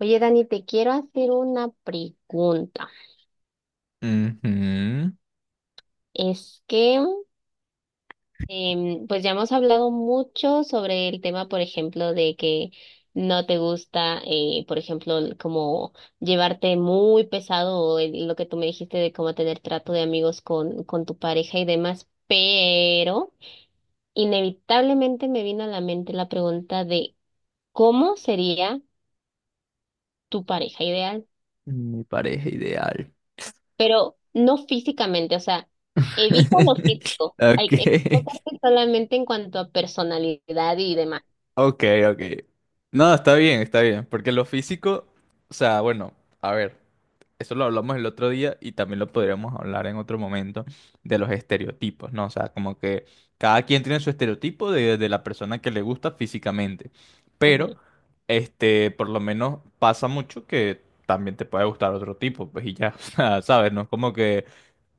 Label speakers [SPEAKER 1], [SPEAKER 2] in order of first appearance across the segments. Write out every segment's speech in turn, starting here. [SPEAKER 1] Oye, Dani, te quiero hacer una pregunta.
[SPEAKER 2] Ujú.
[SPEAKER 1] Es que, pues ya hemos hablado mucho sobre el tema, por ejemplo, de que no te gusta, por ejemplo, el como llevarte muy pesado o lo que tú me dijiste de cómo tener trato de amigos con tu pareja y demás, pero inevitablemente me vino a la mente la pregunta de ¿cómo sería tu pareja ideal?
[SPEAKER 2] Mi pareja ideal.
[SPEAKER 1] Pero no físicamente, o sea, evita lo físico, hay que
[SPEAKER 2] Ok,
[SPEAKER 1] enfocarte solamente en cuanto a personalidad y demás.
[SPEAKER 2] ok, ok. No, está bien, está bien. Porque lo físico, o sea, bueno, a ver, eso lo hablamos el otro día y también lo podríamos hablar en otro momento de los estereotipos, ¿no? O sea, como que cada quien tiene su estereotipo de la persona que le gusta físicamente. Pero,
[SPEAKER 1] Ujú.
[SPEAKER 2] por lo menos pasa mucho que también te puede gustar otro tipo, pues y ya, o sea, ¿sabes? No es como que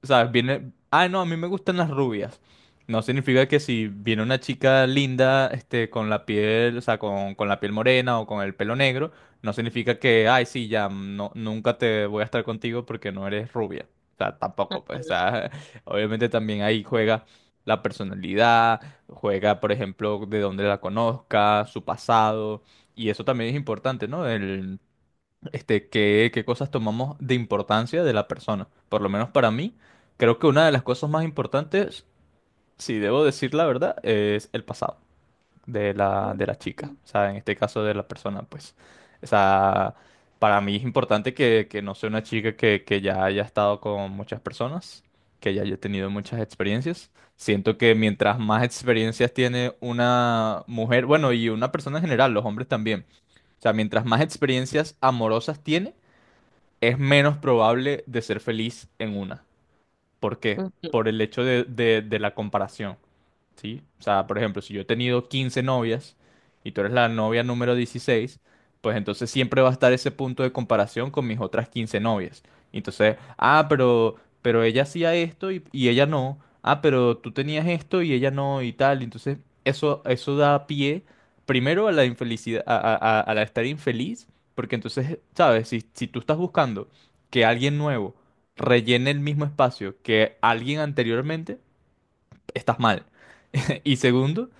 [SPEAKER 2] ¿sabes? Viene. Ah, no, a mí me gustan las rubias. No significa que si viene una chica linda, con la piel, o sea, con la piel morena o con el pelo negro, no significa que, ay, sí, ya, no, nunca te voy a estar contigo porque no eres rubia. O sea,
[SPEAKER 1] Ah.
[SPEAKER 2] tampoco, pues, o sea, obviamente también ahí juega la personalidad, juega, por ejemplo, de dónde la conozca, su pasado, y eso también es importante, ¿no? Qué cosas tomamos de importancia de la persona. Por lo menos para mí, creo que una de las cosas más importantes, si debo decir la verdad, es el pasado de la chica.
[SPEAKER 1] Ujú,
[SPEAKER 2] O sea, en este caso de la persona, pues. O sea, para mí es importante que no sea una chica que ya haya estado con muchas personas, que ya haya tenido muchas experiencias. Siento que mientras más experiencias tiene una mujer, bueno, y una persona en general, los hombres también. O sea, mientras más experiencias amorosas tiene, es menos probable de ser feliz en una. ¿Por qué? Por el hecho de la comparación. ¿Sí? O sea, por ejemplo, si yo he tenido 15 novias y tú eres la novia número 16, pues entonces siempre va a estar ese punto de comparación con mis otras 15 novias. Entonces, ah, pero ella hacía esto y ella no. Ah, pero tú tenías esto y ella no y tal. Entonces, eso da pie primero a la infelicidad, a la estar infeliz, porque entonces, ¿sabes? Si tú estás buscando que alguien nuevo rellene el mismo espacio que alguien anteriormente, estás mal. Y segundo,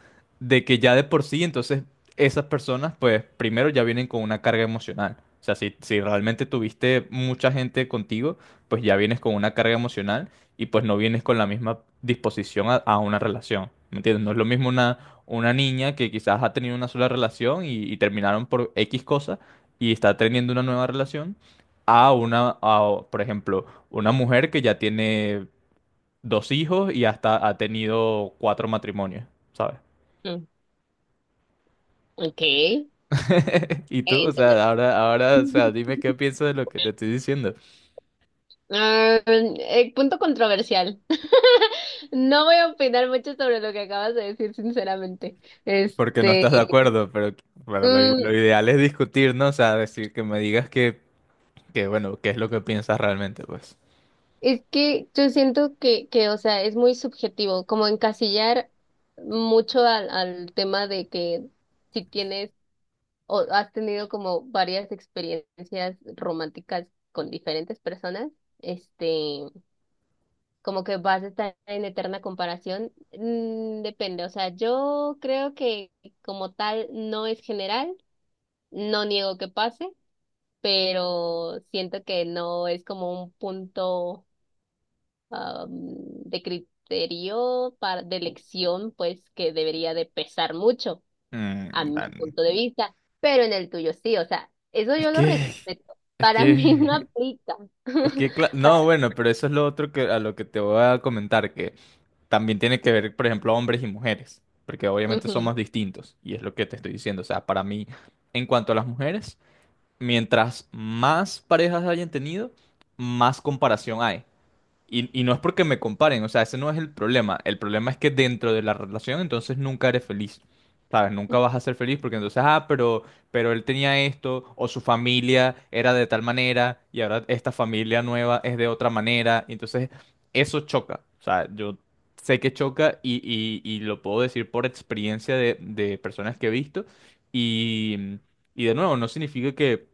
[SPEAKER 2] de que ya de por sí, entonces esas personas, pues primero ya vienen con una carga emocional. O sea, si realmente tuviste mucha gente contigo, pues ya vienes con una carga emocional y pues no vienes con la misma disposición a una relación. ¿Me entiendes? No es lo mismo una niña que quizás ha tenido una sola relación y terminaron por X cosa y está teniendo una nueva relación a una, a, por ejemplo, una mujer que ya tiene 2 hijos y hasta ha tenido 4 matrimonios, ¿sabes?
[SPEAKER 1] ujú. Ok,
[SPEAKER 2] Y tú, o
[SPEAKER 1] entender.
[SPEAKER 2] sea, ahora, ahora, o sea, dime qué piensas de lo que te estoy diciendo,
[SPEAKER 1] Punto controversial. No voy a opinar mucho sobre lo que acabas de decir, sinceramente.
[SPEAKER 2] porque no
[SPEAKER 1] Este,
[SPEAKER 2] estás de acuerdo, pero bueno,
[SPEAKER 1] mm,
[SPEAKER 2] lo ideal es discutir, ¿no? O sea, decir que me digas que bueno, qué es lo que piensas realmente, pues.
[SPEAKER 1] es que yo siento que, o sea, es muy subjetivo, como encasillar mucho al tema de que si tienes ¿o has tenido como varias experiencias románticas con diferentes personas? Este, como que vas a estar en eterna comparación. Mm, depende, o sea, yo creo que como tal no es general, no niego que pase, pero siento que no es como un punto am, de criterio para, de elección, pues que debería de pesar mucho a
[SPEAKER 2] Mm,
[SPEAKER 1] mi
[SPEAKER 2] man,
[SPEAKER 1] punto de vista, pero en el tuyo sí, o sea, eso
[SPEAKER 2] Es
[SPEAKER 1] yo lo
[SPEAKER 2] que,
[SPEAKER 1] respeto.
[SPEAKER 2] es
[SPEAKER 1] Para mí no
[SPEAKER 2] que,
[SPEAKER 1] aplica.
[SPEAKER 2] es que,
[SPEAKER 1] Para...
[SPEAKER 2] no, bueno, pero eso es lo otro que a lo que te voy a comentar, también tiene que ver, por ejemplo, hombres y mujeres, porque obviamente
[SPEAKER 1] Ujú,
[SPEAKER 2] somos distintos, y es lo que te estoy diciendo. O sea, para mí, en cuanto a las mujeres, mientras más parejas hayan tenido, más comparación hay. Y no es porque me comparen, o sea, ese no es el problema. El problema es que dentro de la relación entonces nunca eres feliz. ¿Sabes? Nunca vas a ser feliz porque entonces, ah, pero él tenía esto, o su familia era de tal manera, y ahora esta familia nueva es de otra manera. Y entonces, eso choca. O sea, yo sé que choca y lo puedo decir por experiencia de personas que he visto. Y, y de nuevo, no significa que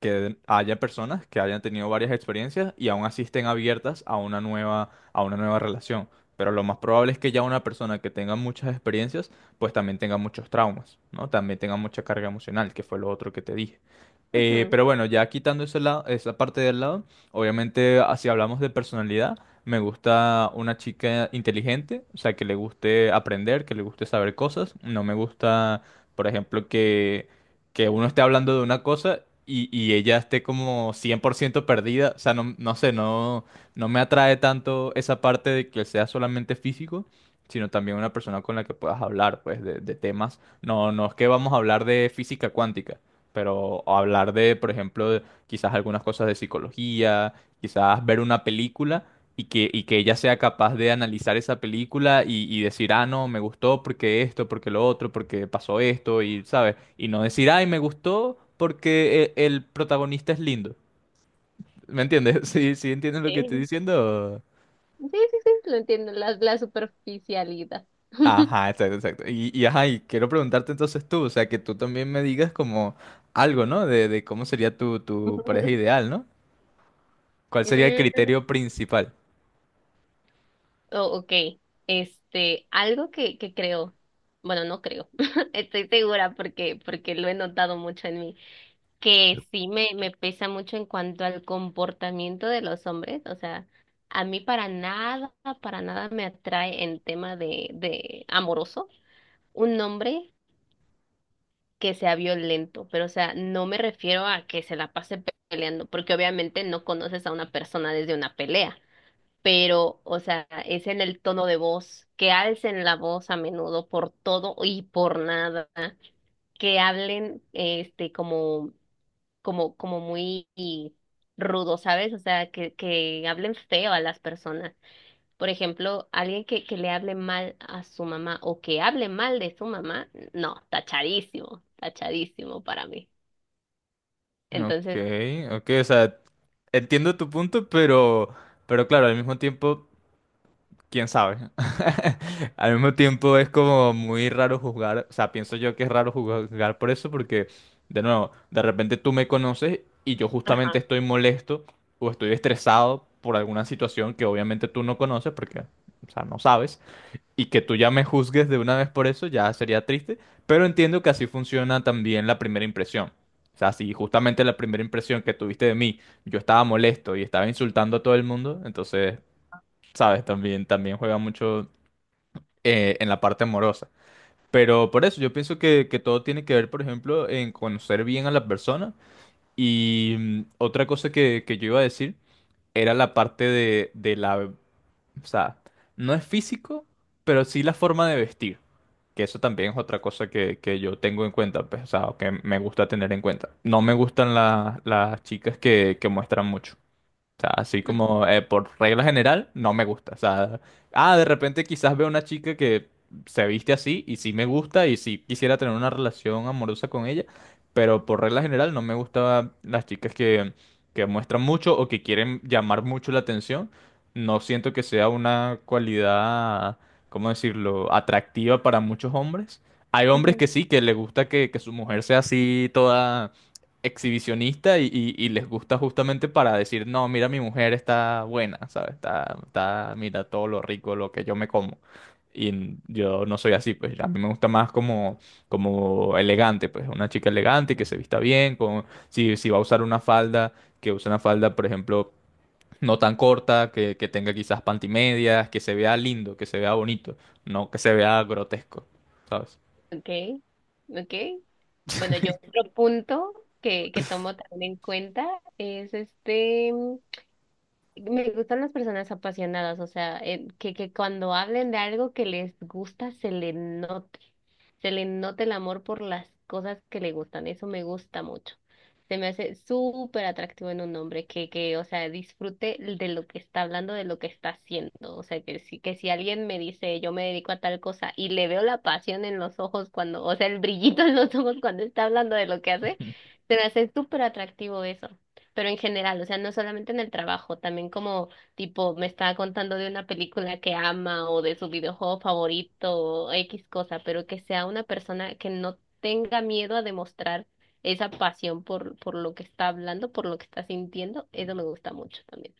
[SPEAKER 2] que haya personas que hayan tenido varias experiencias y aún así estén abiertas a una nueva relación. Pero lo más probable es que ya una persona que tenga muchas experiencias, pues también tenga muchos traumas, ¿no? También tenga mucha carga emocional, que fue lo otro que te dije.
[SPEAKER 1] ujú.
[SPEAKER 2] Pero bueno, ya quitando ese lado, esa parte del lado, obviamente, ah, si hablamos de personalidad, me gusta una chica inteligente, o sea, que le guste aprender, que le guste saber cosas. No me gusta, por ejemplo, que uno esté hablando de una cosa y ella esté como 100% perdida. O sea, no, no sé, no, no me atrae tanto esa parte de que sea solamente físico, sino también una persona con la que puedas hablar, pues, de temas. No, no es que vamos a hablar de física cuántica, pero hablar de, por ejemplo, de quizás algunas cosas de psicología, quizás ver una película y que ella sea capaz de analizar esa película y decir, ah, no, me gustó porque esto, porque lo otro, porque pasó esto, y, ¿sabes? Y no decir, ay, me gustó porque el protagonista es lindo. ¿Me entiendes? Sí, sí, ¿entiendes lo que estoy
[SPEAKER 1] Sí,
[SPEAKER 2] diciendo?
[SPEAKER 1] sí, sí, sí, lo entiendo, la superficialidad.
[SPEAKER 2] Ajá, exacto, exacto. Y, ajá, y quiero preguntarte entonces tú, o sea, que tú también me digas como algo, ¿no? De cómo sería tu pareja ideal, ¿no? ¿Cuál sería el
[SPEAKER 1] Mm,
[SPEAKER 2] criterio principal?
[SPEAKER 1] oh, ok, este, algo que creo, bueno, no creo, estoy segura porque, porque lo he notado mucho en mí, que sí me pesa mucho en cuanto al comportamiento de los hombres, o sea, a mí para nada me atrae en tema de amoroso un hombre que sea violento, pero o sea, no me refiero a que se la pase peleando, porque obviamente no conoces a una persona desde una pelea, pero o sea, es en el tono de voz, que alcen la voz a menudo por todo y por nada, que hablen como muy rudo, ¿sabes? O sea, que hablen feo a las personas. Por ejemplo, alguien que le hable mal a su mamá o que hable mal de su mamá, no, tachadísimo, tachadísimo para mí.
[SPEAKER 2] Ok,
[SPEAKER 1] Entonces,
[SPEAKER 2] ok, o sea, entiendo tu punto, pero claro, al mismo tiempo, quién sabe. Al mismo tiempo es como muy raro juzgar, o sea, pienso yo que es raro juzgar por eso, porque, de nuevo, de repente tú me conoces y yo justamente
[SPEAKER 1] ajá.
[SPEAKER 2] estoy molesto o estoy estresado por alguna situación que obviamente tú no conoces, porque, o sea, no sabes y que tú ya me juzgues de una vez por eso ya sería triste, pero entiendo que así funciona también la primera impresión. O sea, si justamente la primera impresión que tuviste de mí, yo estaba molesto y estaba insultando a todo el mundo, entonces, sabes, también, también juega mucho en la parte amorosa. Pero por eso yo pienso que todo tiene que ver, por ejemplo, en conocer bien a la persona. Y otra cosa que yo iba a decir era la parte de la o sea, no es físico, pero sí la forma de vestir. Que eso también es otra cosa que yo tengo en cuenta, pues, o sea, o que me gusta tener en cuenta. No me gustan las chicas que muestran mucho. O sea, así como por regla general, no me gusta. O sea, ah, de repente quizás veo una chica que se viste así y sí me gusta y sí quisiera tener una relación amorosa con ella, pero por regla general no me gustan las chicas que muestran mucho o que quieren llamar mucho la atención. No siento que sea una cualidad, ¿cómo decirlo?, atractiva para muchos hombres. Hay hombres
[SPEAKER 1] Ujú.
[SPEAKER 2] que sí, que les gusta que su mujer sea así, toda exhibicionista y les gusta justamente para decir, no, mira, mi mujer está buena, ¿sabes? Está, está, mira todo lo rico, lo que yo me como. Y yo no soy así, pues a mí me gusta más como, como elegante, pues una chica elegante que se vista bien, con, si va a usar una falda, que use una falda, por ejemplo, no tan corta, que tenga quizás pantimedias, que se vea lindo, que se vea bonito, no que se vea grotesco, ¿sabes?
[SPEAKER 1] Okay, okay. Bueno, yo otro punto que tomo también en cuenta es este. Me gustan las personas apasionadas, o sea, que cuando hablen de algo que les gusta se le note el amor por las cosas que le gustan, eso me gusta mucho. Se me hace súper atractivo en un hombre o sea, disfrute de lo que está hablando, de lo que está haciendo. O sea, que si alguien me dice yo me dedico a tal cosa y le veo la pasión en los ojos cuando, o sea, el brillito en los ojos cuando está hablando de lo que hace, se me hace súper atractivo eso, pero en general, o sea, no solamente en el trabajo, también como tipo me estaba contando de una película que ama o de su videojuego favorito o X cosa, pero que sea una persona que no tenga miedo a demostrar esa pasión por lo que está hablando, por lo que está sintiendo, eso me gusta mucho también.